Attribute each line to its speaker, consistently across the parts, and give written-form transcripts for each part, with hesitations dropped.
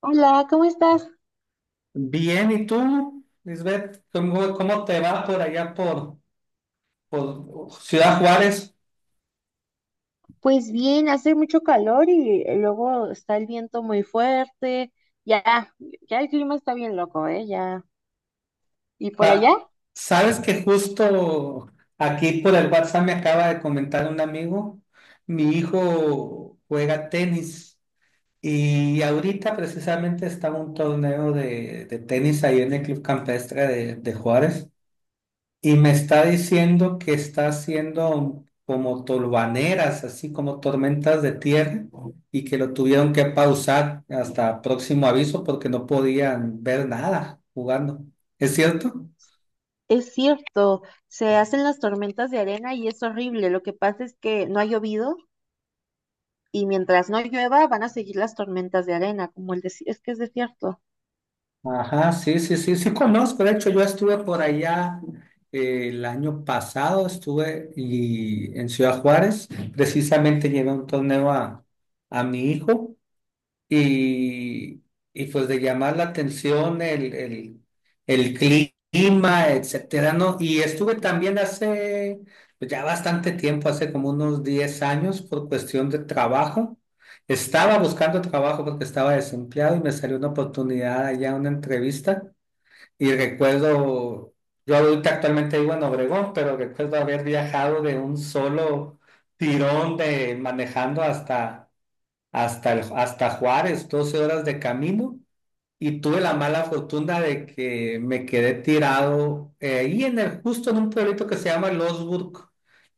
Speaker 1: Hola, ¿cómo estás?
Speaker 2: Bien, ¿y tú, Lisbeth? ¿Cómo te va por allá por Ciudad Juárez?
Speaker 1: Pues bien, hace mucho calor y luego está el viento muy fuerte. Ya, ya, el clima está bien loco, ¿eh? Ya. Y por
Speaker 2: Pa-
Speaker 1: allá,
Speaker 2: Sabes que justo aquí por el WhatsApp me acaba de comentar un amigo, mi hijo juega tenis y ahorita precisamente está un torneo de tenis ahí en el Club Campestre de Juárez. Y me está diciendo que está haciendo como tolvaneras, así como tormentas de tierra, y que lo tuvieron que pausar hasta próximo aviso porque no podían ver nada jugando. ¿Es cierto?
Speaker 1: es cierto, se hacen las tormentas de arena y es horrible. Lo que pasa es que no ha llovido y mientras no llueva van a seguir las tormentas de arena, como el desierto. Es que es desierto.
Speaker 2: Ajá, sí, sí, sí, sí conozco. De hecho, yo estuve por allá el año pasado, estuve y, en Ciudad Juárez, precisamente llevé un torneo a mi hijo y, y pues de llamar la atención el clima, etcétera, ¿no? Y estuve también hace pues, ya bastante tiempo, hace como unos 10 años, por cuestión de trabajo. Estaba buscando trabajo porque estaba desempleado y me salió una oportunidad allá, una entrevista. Y recuerdo, yo ahorita actualmente vivo en Obregón, pero recuerdo haber viajado de un solo tirón de manejando hasta Juárez, 12 horas de camino, y tuve la mala fortuna de que me quedé tirado ahí en justo en un pueblito que se llama Losburg,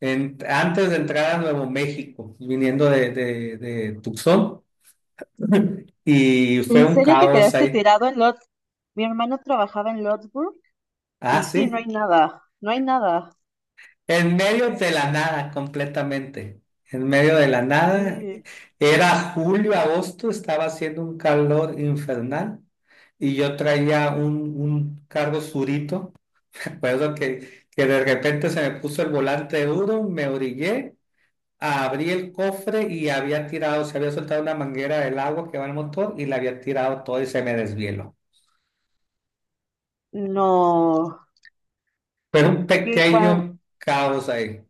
Speaker 2: antes de entrar a Nuevo México, viniendo de Tucson, y fue
Speaker 1: ¿En
Speaker 2: un
Speaker 1: serio te
Speaker 2: caos
Speaker 1: quedaste
Speaker 2: ahí.
Speaker 1: tirado en Lod? Mi hermano trabajaba en Lodsburg
Speaker 2: Ah,
Speaker 1: y sí, no hay
Speaker 2: sí.
Speaker 1: nada, no hay nada.
Speaker 2: En medio de la nada, completamente. En medio de la nada.
Speaker 1: Sí.
Speaker 2: Era julio, agosto, estaba haciendo un calor infernal y yo traía un carro surito. Recuerdo que de repente se me puso el volante duro, me orillé, abrí el cofre y había tirado, se había soltado una manguera del agua que va al motor y la había tirado todo y se me desvieló.
Speaker 1: No.
Speaker 2: Pero
Speaker 1: ¿Y
Speaker 2: un
Speaker 1: qué,
Speaker 2: pequeño caos ahí.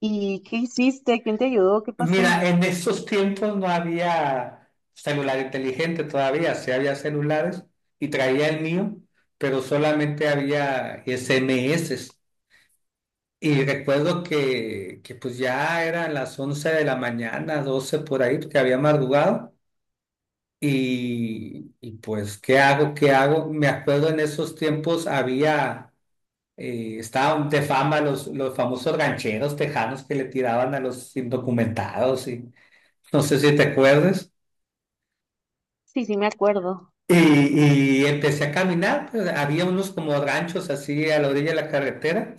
Speaker 1: ¿Y qué hiciste? ¿Quién te ayudó? ¿Qué pasó?
Speaker 2: Mira, en esos tiempos no había celular inteligente todavía, sí había celulares y traía el mío, pero solamente había SMS. Y recuerdo que pues ya eran las 11 de la mañana, 12 por ahí, porque había madrugado. Y pues, ¿qué hago? ¿Qué hago? Me acuerdo en esos tiempos había estaban de fama los famosos rancheros tejanos que le tiraban a los indocumentados y no sé si te acuerdas.
Speaker 1: Sí, sí, me acuerdo.
Speaker 2: Y empecé a caminar, pues, había unos como ranchos así a la orilla de la carretera.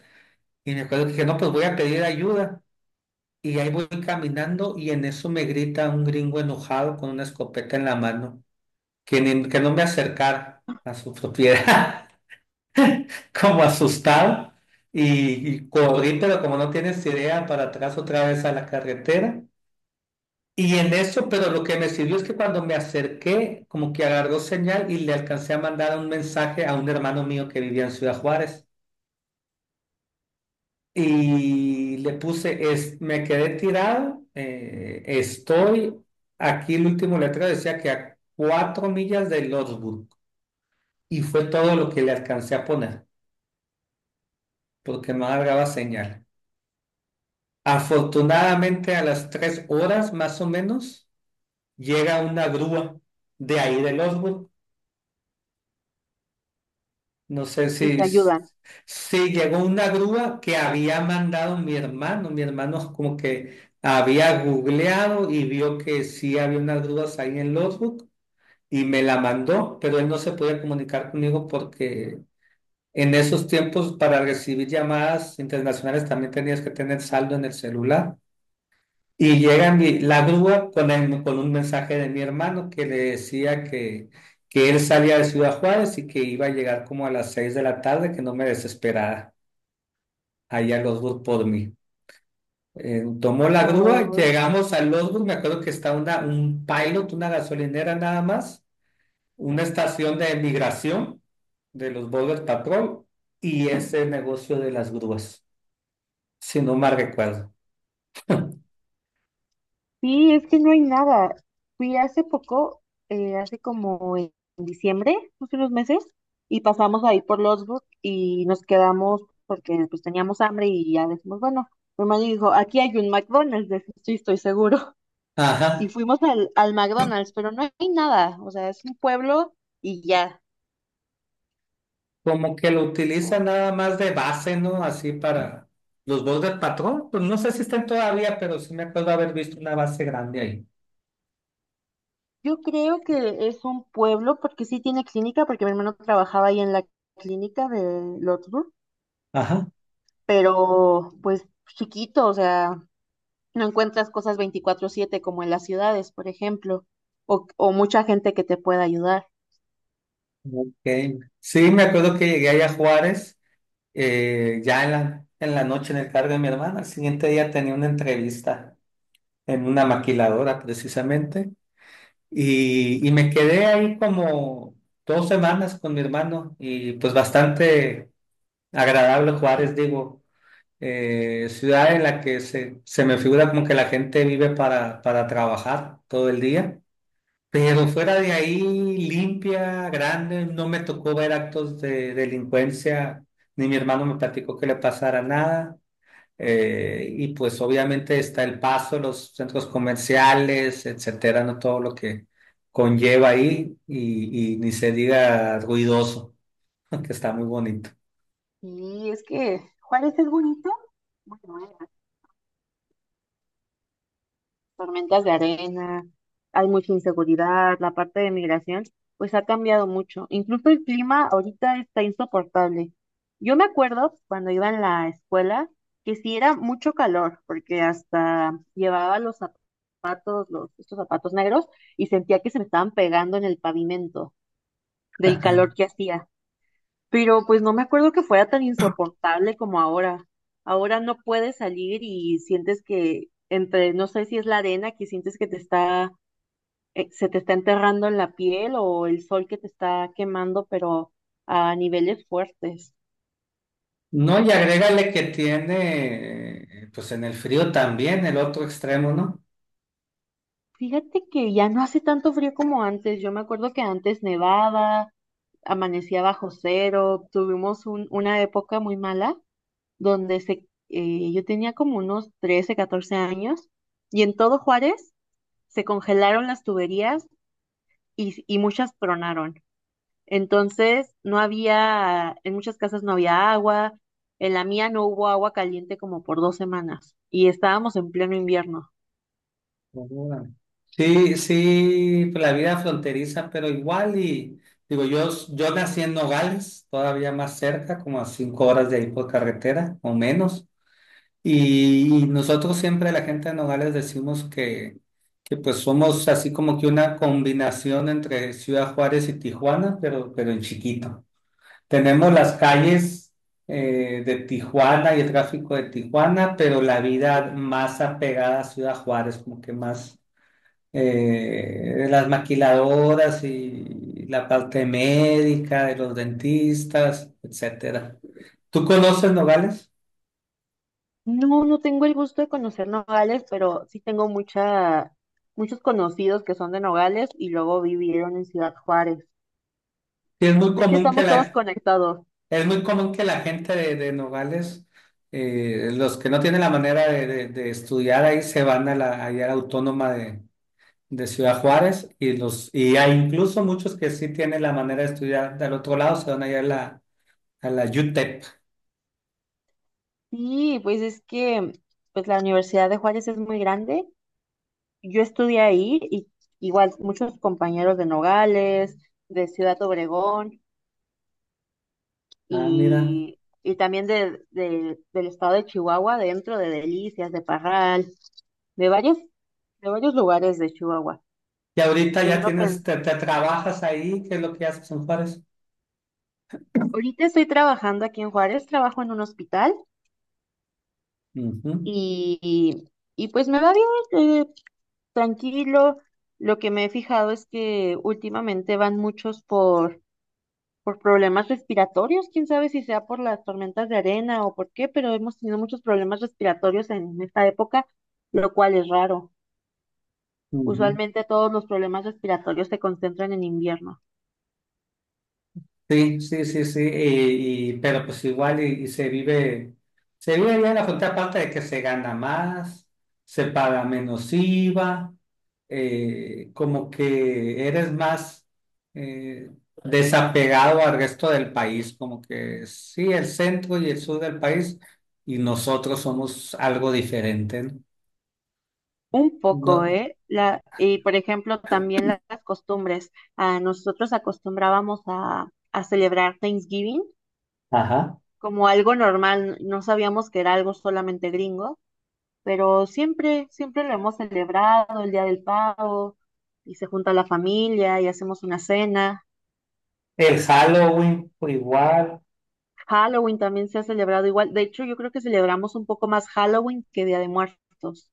Speaker 2: Y me acuerdo que dije, no, pues voy a pedir ayuda. Y ahí voy caminando y en eso me grita un gringo enojado con una escopeta en la mano, que no me acercara a su propiedad. En ese caso, otra vez carretera. Y en eso, pero lo que me sirvió es que cuando me acerqué, como que agarró señal y le alcancé a mandar un mensaje a un hermano mío que vivía en Ciudad Juárez. Y le puse, es, me quedé tirado, estoy, aquí el último letrero decía que a 4 millas de Lordsburg. Y fue todo lo que le alcancé a poner, porque no agarraba señal. Afortunadamente a las 3 horas más o menos llega una grúa de ahí de Lordsburg. No sé
Speaker 1: Y te
Speaker 2: si,
Speaker 1: ayudan.
Speaker 2: si llegó una grúa que había mandado mi hermano. Mi hermano como que había googleado y vio que sí había unas grúas ahí en Lotbook y me la mandó, pero él no se podía comunicar conmigo porque en esos tiempos para recibir llamadas internacionales también tenías que tener saldo en el celular. Y llega la grúa con, con un mensaje de mi hermano que le decía que él salía de Ciudad Juárez y que iba a llegar como a las 6 de la tarde, que no me desesperara allá a Losburg por mí. Tomó la grúa,
Speaker 1: Ay,
Speaker 2: llegamos a Losburg, me acuerdo que está una, un pilot, una gasolinera nada más, una estación de migración de los Border Patrol y ese negocio de las grúas, si no mal recuerdo.
Speaker 1: sí, es que no hay nada. Fui hace poco, hace como en diciembre, hace unos meses, y pasamos ahí por Losburg y nos quedamos porque pues teníamos hambre y ya decimos, bueno, mi hermano dijo, aquí hay un McDonald's, de eso sí, estoy seguro. Y
Speaker 2: Ajá.
Speaker 1: fuimos al McDonald's, pero no hay nada. O sea, es un pueblo y ya.
Speaker 2: Como que lo utiliza nada más de base, ¿no? Así para los bordes patrón. Pues no sé si están todavía, pero sí me acuerdo haber visto una base grande ahí.
Speaker 1: Yo creo que es un pueblo, porque sí tiene clínica, porque mi hermano trabajaba ahí en la clínica de Lotsburg,
Speaker 2: Ajá.
Speaker 1: pero pues chiquito, o sea, no encuentras cosas 24/7 como en las ciudades, por ejemplo, o mucha gente que te pueda ayudar.
Speaker 2: Ok. Sí, me acuerdo que llegué allá a Juárez, ya en la noche en el cargo de mi hermana. Al siguiente día tenía una entrevista en una maquiladora, precisamente. Y me quedé ahí como 2 semanas con mi hermano y pues bastante agradable Juárez, digo. Eh, ciudad en la que se me figura como que la gente vive para trabajar todo el día. Pero fuera de ahí, limpia, grande, no me tocó ver actos de delincuencia, ni mi hermano me platicó que le pasara nada. Y pues obviamente está El Paso, los centros comerciales, etcétera, no todo lo que conlleva ahí y ni se diga ruidoso, que está muy bonito.
Speaker 1: Y es que Juárez es bonito, bueno, tormentas de arena, hay mucha inseguridad, la parte de migración, pues ha cambiado mucho. Incluso el clima ahorita está insoportable. Yo me acuerdo cuando iba en la escuela que sí era mucho calor, porque hasta llevaba estos zapatos negros, y sentía que se me estaban pegando en el pavimento del calor que hacía. Pero pues no me acuerdo que fuera tan insoportable como ahora. Ahora no puedes salir y sientes que entre, no sé si es la arena que sientes que te está se te está enterrando en la piel o el sol que te está quemando, pero a niveles fuertes.
Speaker 2: No, y agrégale que tiene, pues en el frío también, el otro extremo, ¿no?
Speaker 1: Fíjate que ya no hace tanto frío como antes. Yo me acuerdo que antes nevaba, amanecía bajo cero, tuvimos una época muy mala donde yo tenía como unos 13 14 años y en todo Juárez se congelaron las tuberías y muchas tronaron. Entonces, no había, en muchas casas no había agua, en la mía no hubo agua caliente como por 2 semanas y estábamos en pleno invierno.
Speaker 2: Órale. Sí, sí, pues, la vida fronteriza, pero igual y, digo, yo nací en Nogales, todavía más cerca, como a 5 horas de ahí por carretera, o menos, y nosotros siempre, la gente de Nogales, decimos que pues somos así como que una combinación entre Ciudad Juárez y Tijuana, pero en chiquito. Tenemos las calles de Tijuana y el tráfico de Tijuana, pero la vida más apegada a Ciudad Juárez, como que más las maquiladoras y la parte médica de los dentistas, etcétera. ¿Tú conoces Nogales?
Speaker 1: No, no tengo el gusto de conocer Nogales, pero muchos conocidos que son de Nogales y luego vivieron en Ciudad Juárez.
Speaker 2: Sí, es muy
Speaker 1: Es que
Speaker 2: común que
Speaker 1: estamos todos
Speaker 2: la,
Speaker 1: conectados.
Speaker 2: es muy común que la gente de Nogales, los que no tienen la manera de estudiar ahí, se van a la, allá a la autónoma de Ciudad Juárez y los y hay incluso muchos que sí tienen la manera de estudiar del otro lado, se van allá a la UTEP.
Speaker 1: Sí, pues es que pues la Universidad de Juárez es muy grande. Yo estudié ahí y igual muchos compañeros de Nogales, de Ciudad Obregón.
Speaker 2: Ah, mira.
Speaker 1: Y, y también del estado de Chihuahua, dentro de Delicias, de Parral, de varios, de varios lugares de Chihuahua.
Speaker 2: Y ahorita
Speaker 1: Yo
Speaker 2: ya
Speaker 1: no
Speaker 2: tienes,
Speaker 1: pen-
Speaker 2: te trabajas ahí, ¿qué es lo que haces en Juárez?
Speaker 1: Ahorita estoy trabajando aquí en Juárez, trabajo en un hospital
Speaker 2: Ujú,
Speaker 1: y, y y pues me va bien, tranquilo. Lo que me he fijado es que últimamente van muchos por problemas respiratorios, quién sabe si sea por las tormentas de arena o por qué, pero hemos tenido muchos problemas respiratorios en esta época, lo cual es raro.
Speaker 2: ujú.
Speaker 1: Usualmente todos los problemas respiratorios se concentran en invierno.
Speaker 2: Sí, sí, sí, sí, y, pero pues igual y se vive bien la frontera contraparte de que se gana más, se paga menos IVA, como que eres más eh, desapegado al resto del país, como que sí, el centro y el sur del país y nosotros somos algo diferente, ¿no?
Speaker 1: Un poco,
Speaker 2: No-
Speaker 1: ¿eh? La, y por ejemplo, también las costumbres. Ah, nosotros acostumbrábamos a celebrar Thanksgiving
Speaker 2: ajá.
Speaker 1: como algo normal. No sabíamos que era algo solamente gringo, pero siempre, siempre lo hemos celebrado, el Día del Pavo, y se junta la familia y hacemos una cena.
Speaker 2: El Halloween, pues, igual,
Speaker 1: Halloween también se ha celebrado igual. De hecho, yo creo que celebramos un poco más Halloween que Día de Muertos.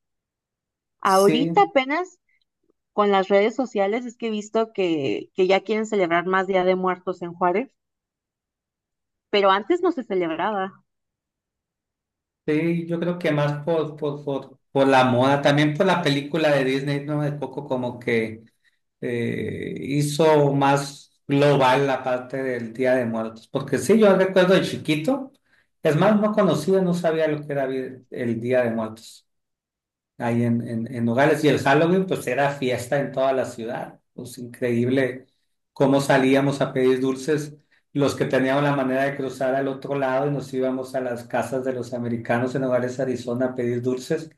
Speaker 1: Ahorita
Speaker 2: sí.
Speaker 1: apenas con las redes sociales es que he visto que ya quieren celebrar más Día de Muertos en Juárez, pero antes no se celebraba.
Speaker 2: Sí, yo creo que más por la moda, también por la película de Disney, ¿no? De Coco como que hizo más global la parte del Día de Muertos, porque sí, yo recuerdo de chiquito, es más, no conocía, no sabía lo que era el Día de Muertos ahí en Nogales. Y el Halloween, pues era fiesta en toda la ciudad. Pues increíble cómo salíamos a pedir dulces. Los que teníamos la manera de cruzar al otro lado y nos íbamos a las casas de los americanos en Nogales, Arizona, a pedir dulces.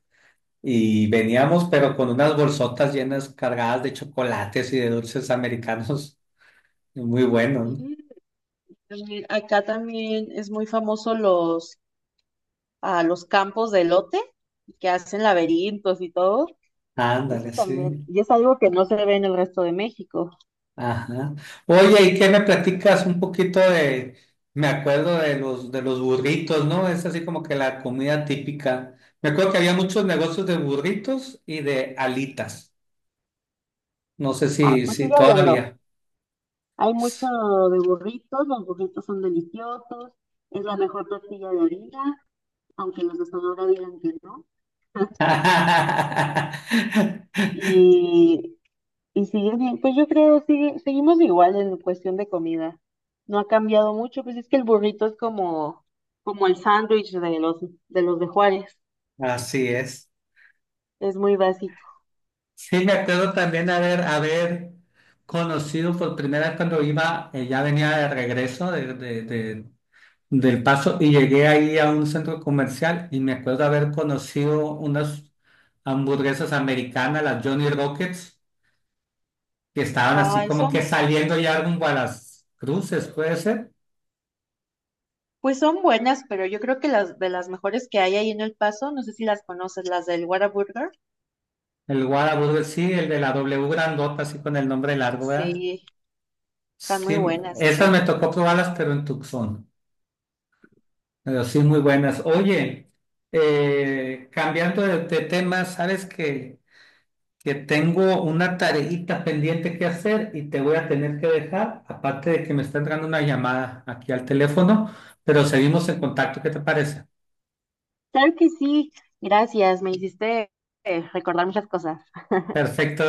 Speaker 2: Y veníamos, pero con unas bolsotas llenas, cargadas de chocolates y de dulces americanos. Muy bueno,
Speaker 1: Sí,
Speaker 2: ¿no?
Speaker 1: también- acá también es muy famoso los campos de elote que hacen laberintos y todo.
Speaker 2: Ándale,
Speaker 1: Eso también,
Speaker 2: sí.
Speaker 1: y es algo que no se ve en el resto de México.
Speaker 2: Ajá. Oye, ¿y qué me platicas un poquito de, me acuerdo de los burritos, ¿no? Es así como que la comida típica. Me acuerdo que había muchos negocios de burritos y de alitas. No sé
Speaker 1: Ah,
Speaker 2: si,
Speaker 1: pues
Speaker 2: si
Speaker 1: sigue habiendo.
Speaker 2: todavía.
Speaker 1: Hay mucho de burritos, los burritos son deliciosos, es la mejor tortilla de harina, aunque los de Sonora digan que no. y Y sigue bien, pues yo creo, sigue, seguimos igual en cuestión de comida. No ha cambiado mucho, pues es que el burrito es como, como el sándwich de los de Juárez.
Speaker 2: Así es.
Speaker 1: Es muy básico.
Speaker 2: Sí, me acuerdo también haber, haber conocido por primera vez cuando iba, ya venía de regreso del Paso y llegué ahí a un centro comercial y me acuerdo haber conocido unas hamburguesas americanas, las Johnny Rockets, que estaban así
Speaker 1: Ay,
Speaker 2: como que
Speaker 1: son,
Speaker 2: saliendo ya rumbo a las cruces, puede ser.
Speaker 1: pues son buenas, pero yo creo que las de las mejores que hay ahí en El Paso, no sé si las conoces, las del Whataburger,
Speaker 2: El Whataburger, sí, el de la W grandota, así con el nombre largo, ¿verdad?
Speaker 1: sí, están
Speaker 2: Sí,
Speaker 1: muy buenas
Speaker 2: esas
Speaker 1: esas.
Speaker 2: me tocó probarlas, pero en Tucson. Pero sí, muy buenas. Oye, cambiando de tema, ¿sabes qué? Que tengo una tarejita pendiente que hacer y te voy a tener que dejar, aparte de que me está entrando una llamada aquí al teléfono, pero seguimos en contacto, ¿qué te parece?
Speaker 1: Claro que sí, gracias, me hiciste recordar muchas cosas.
Speaker 2: Perfecto.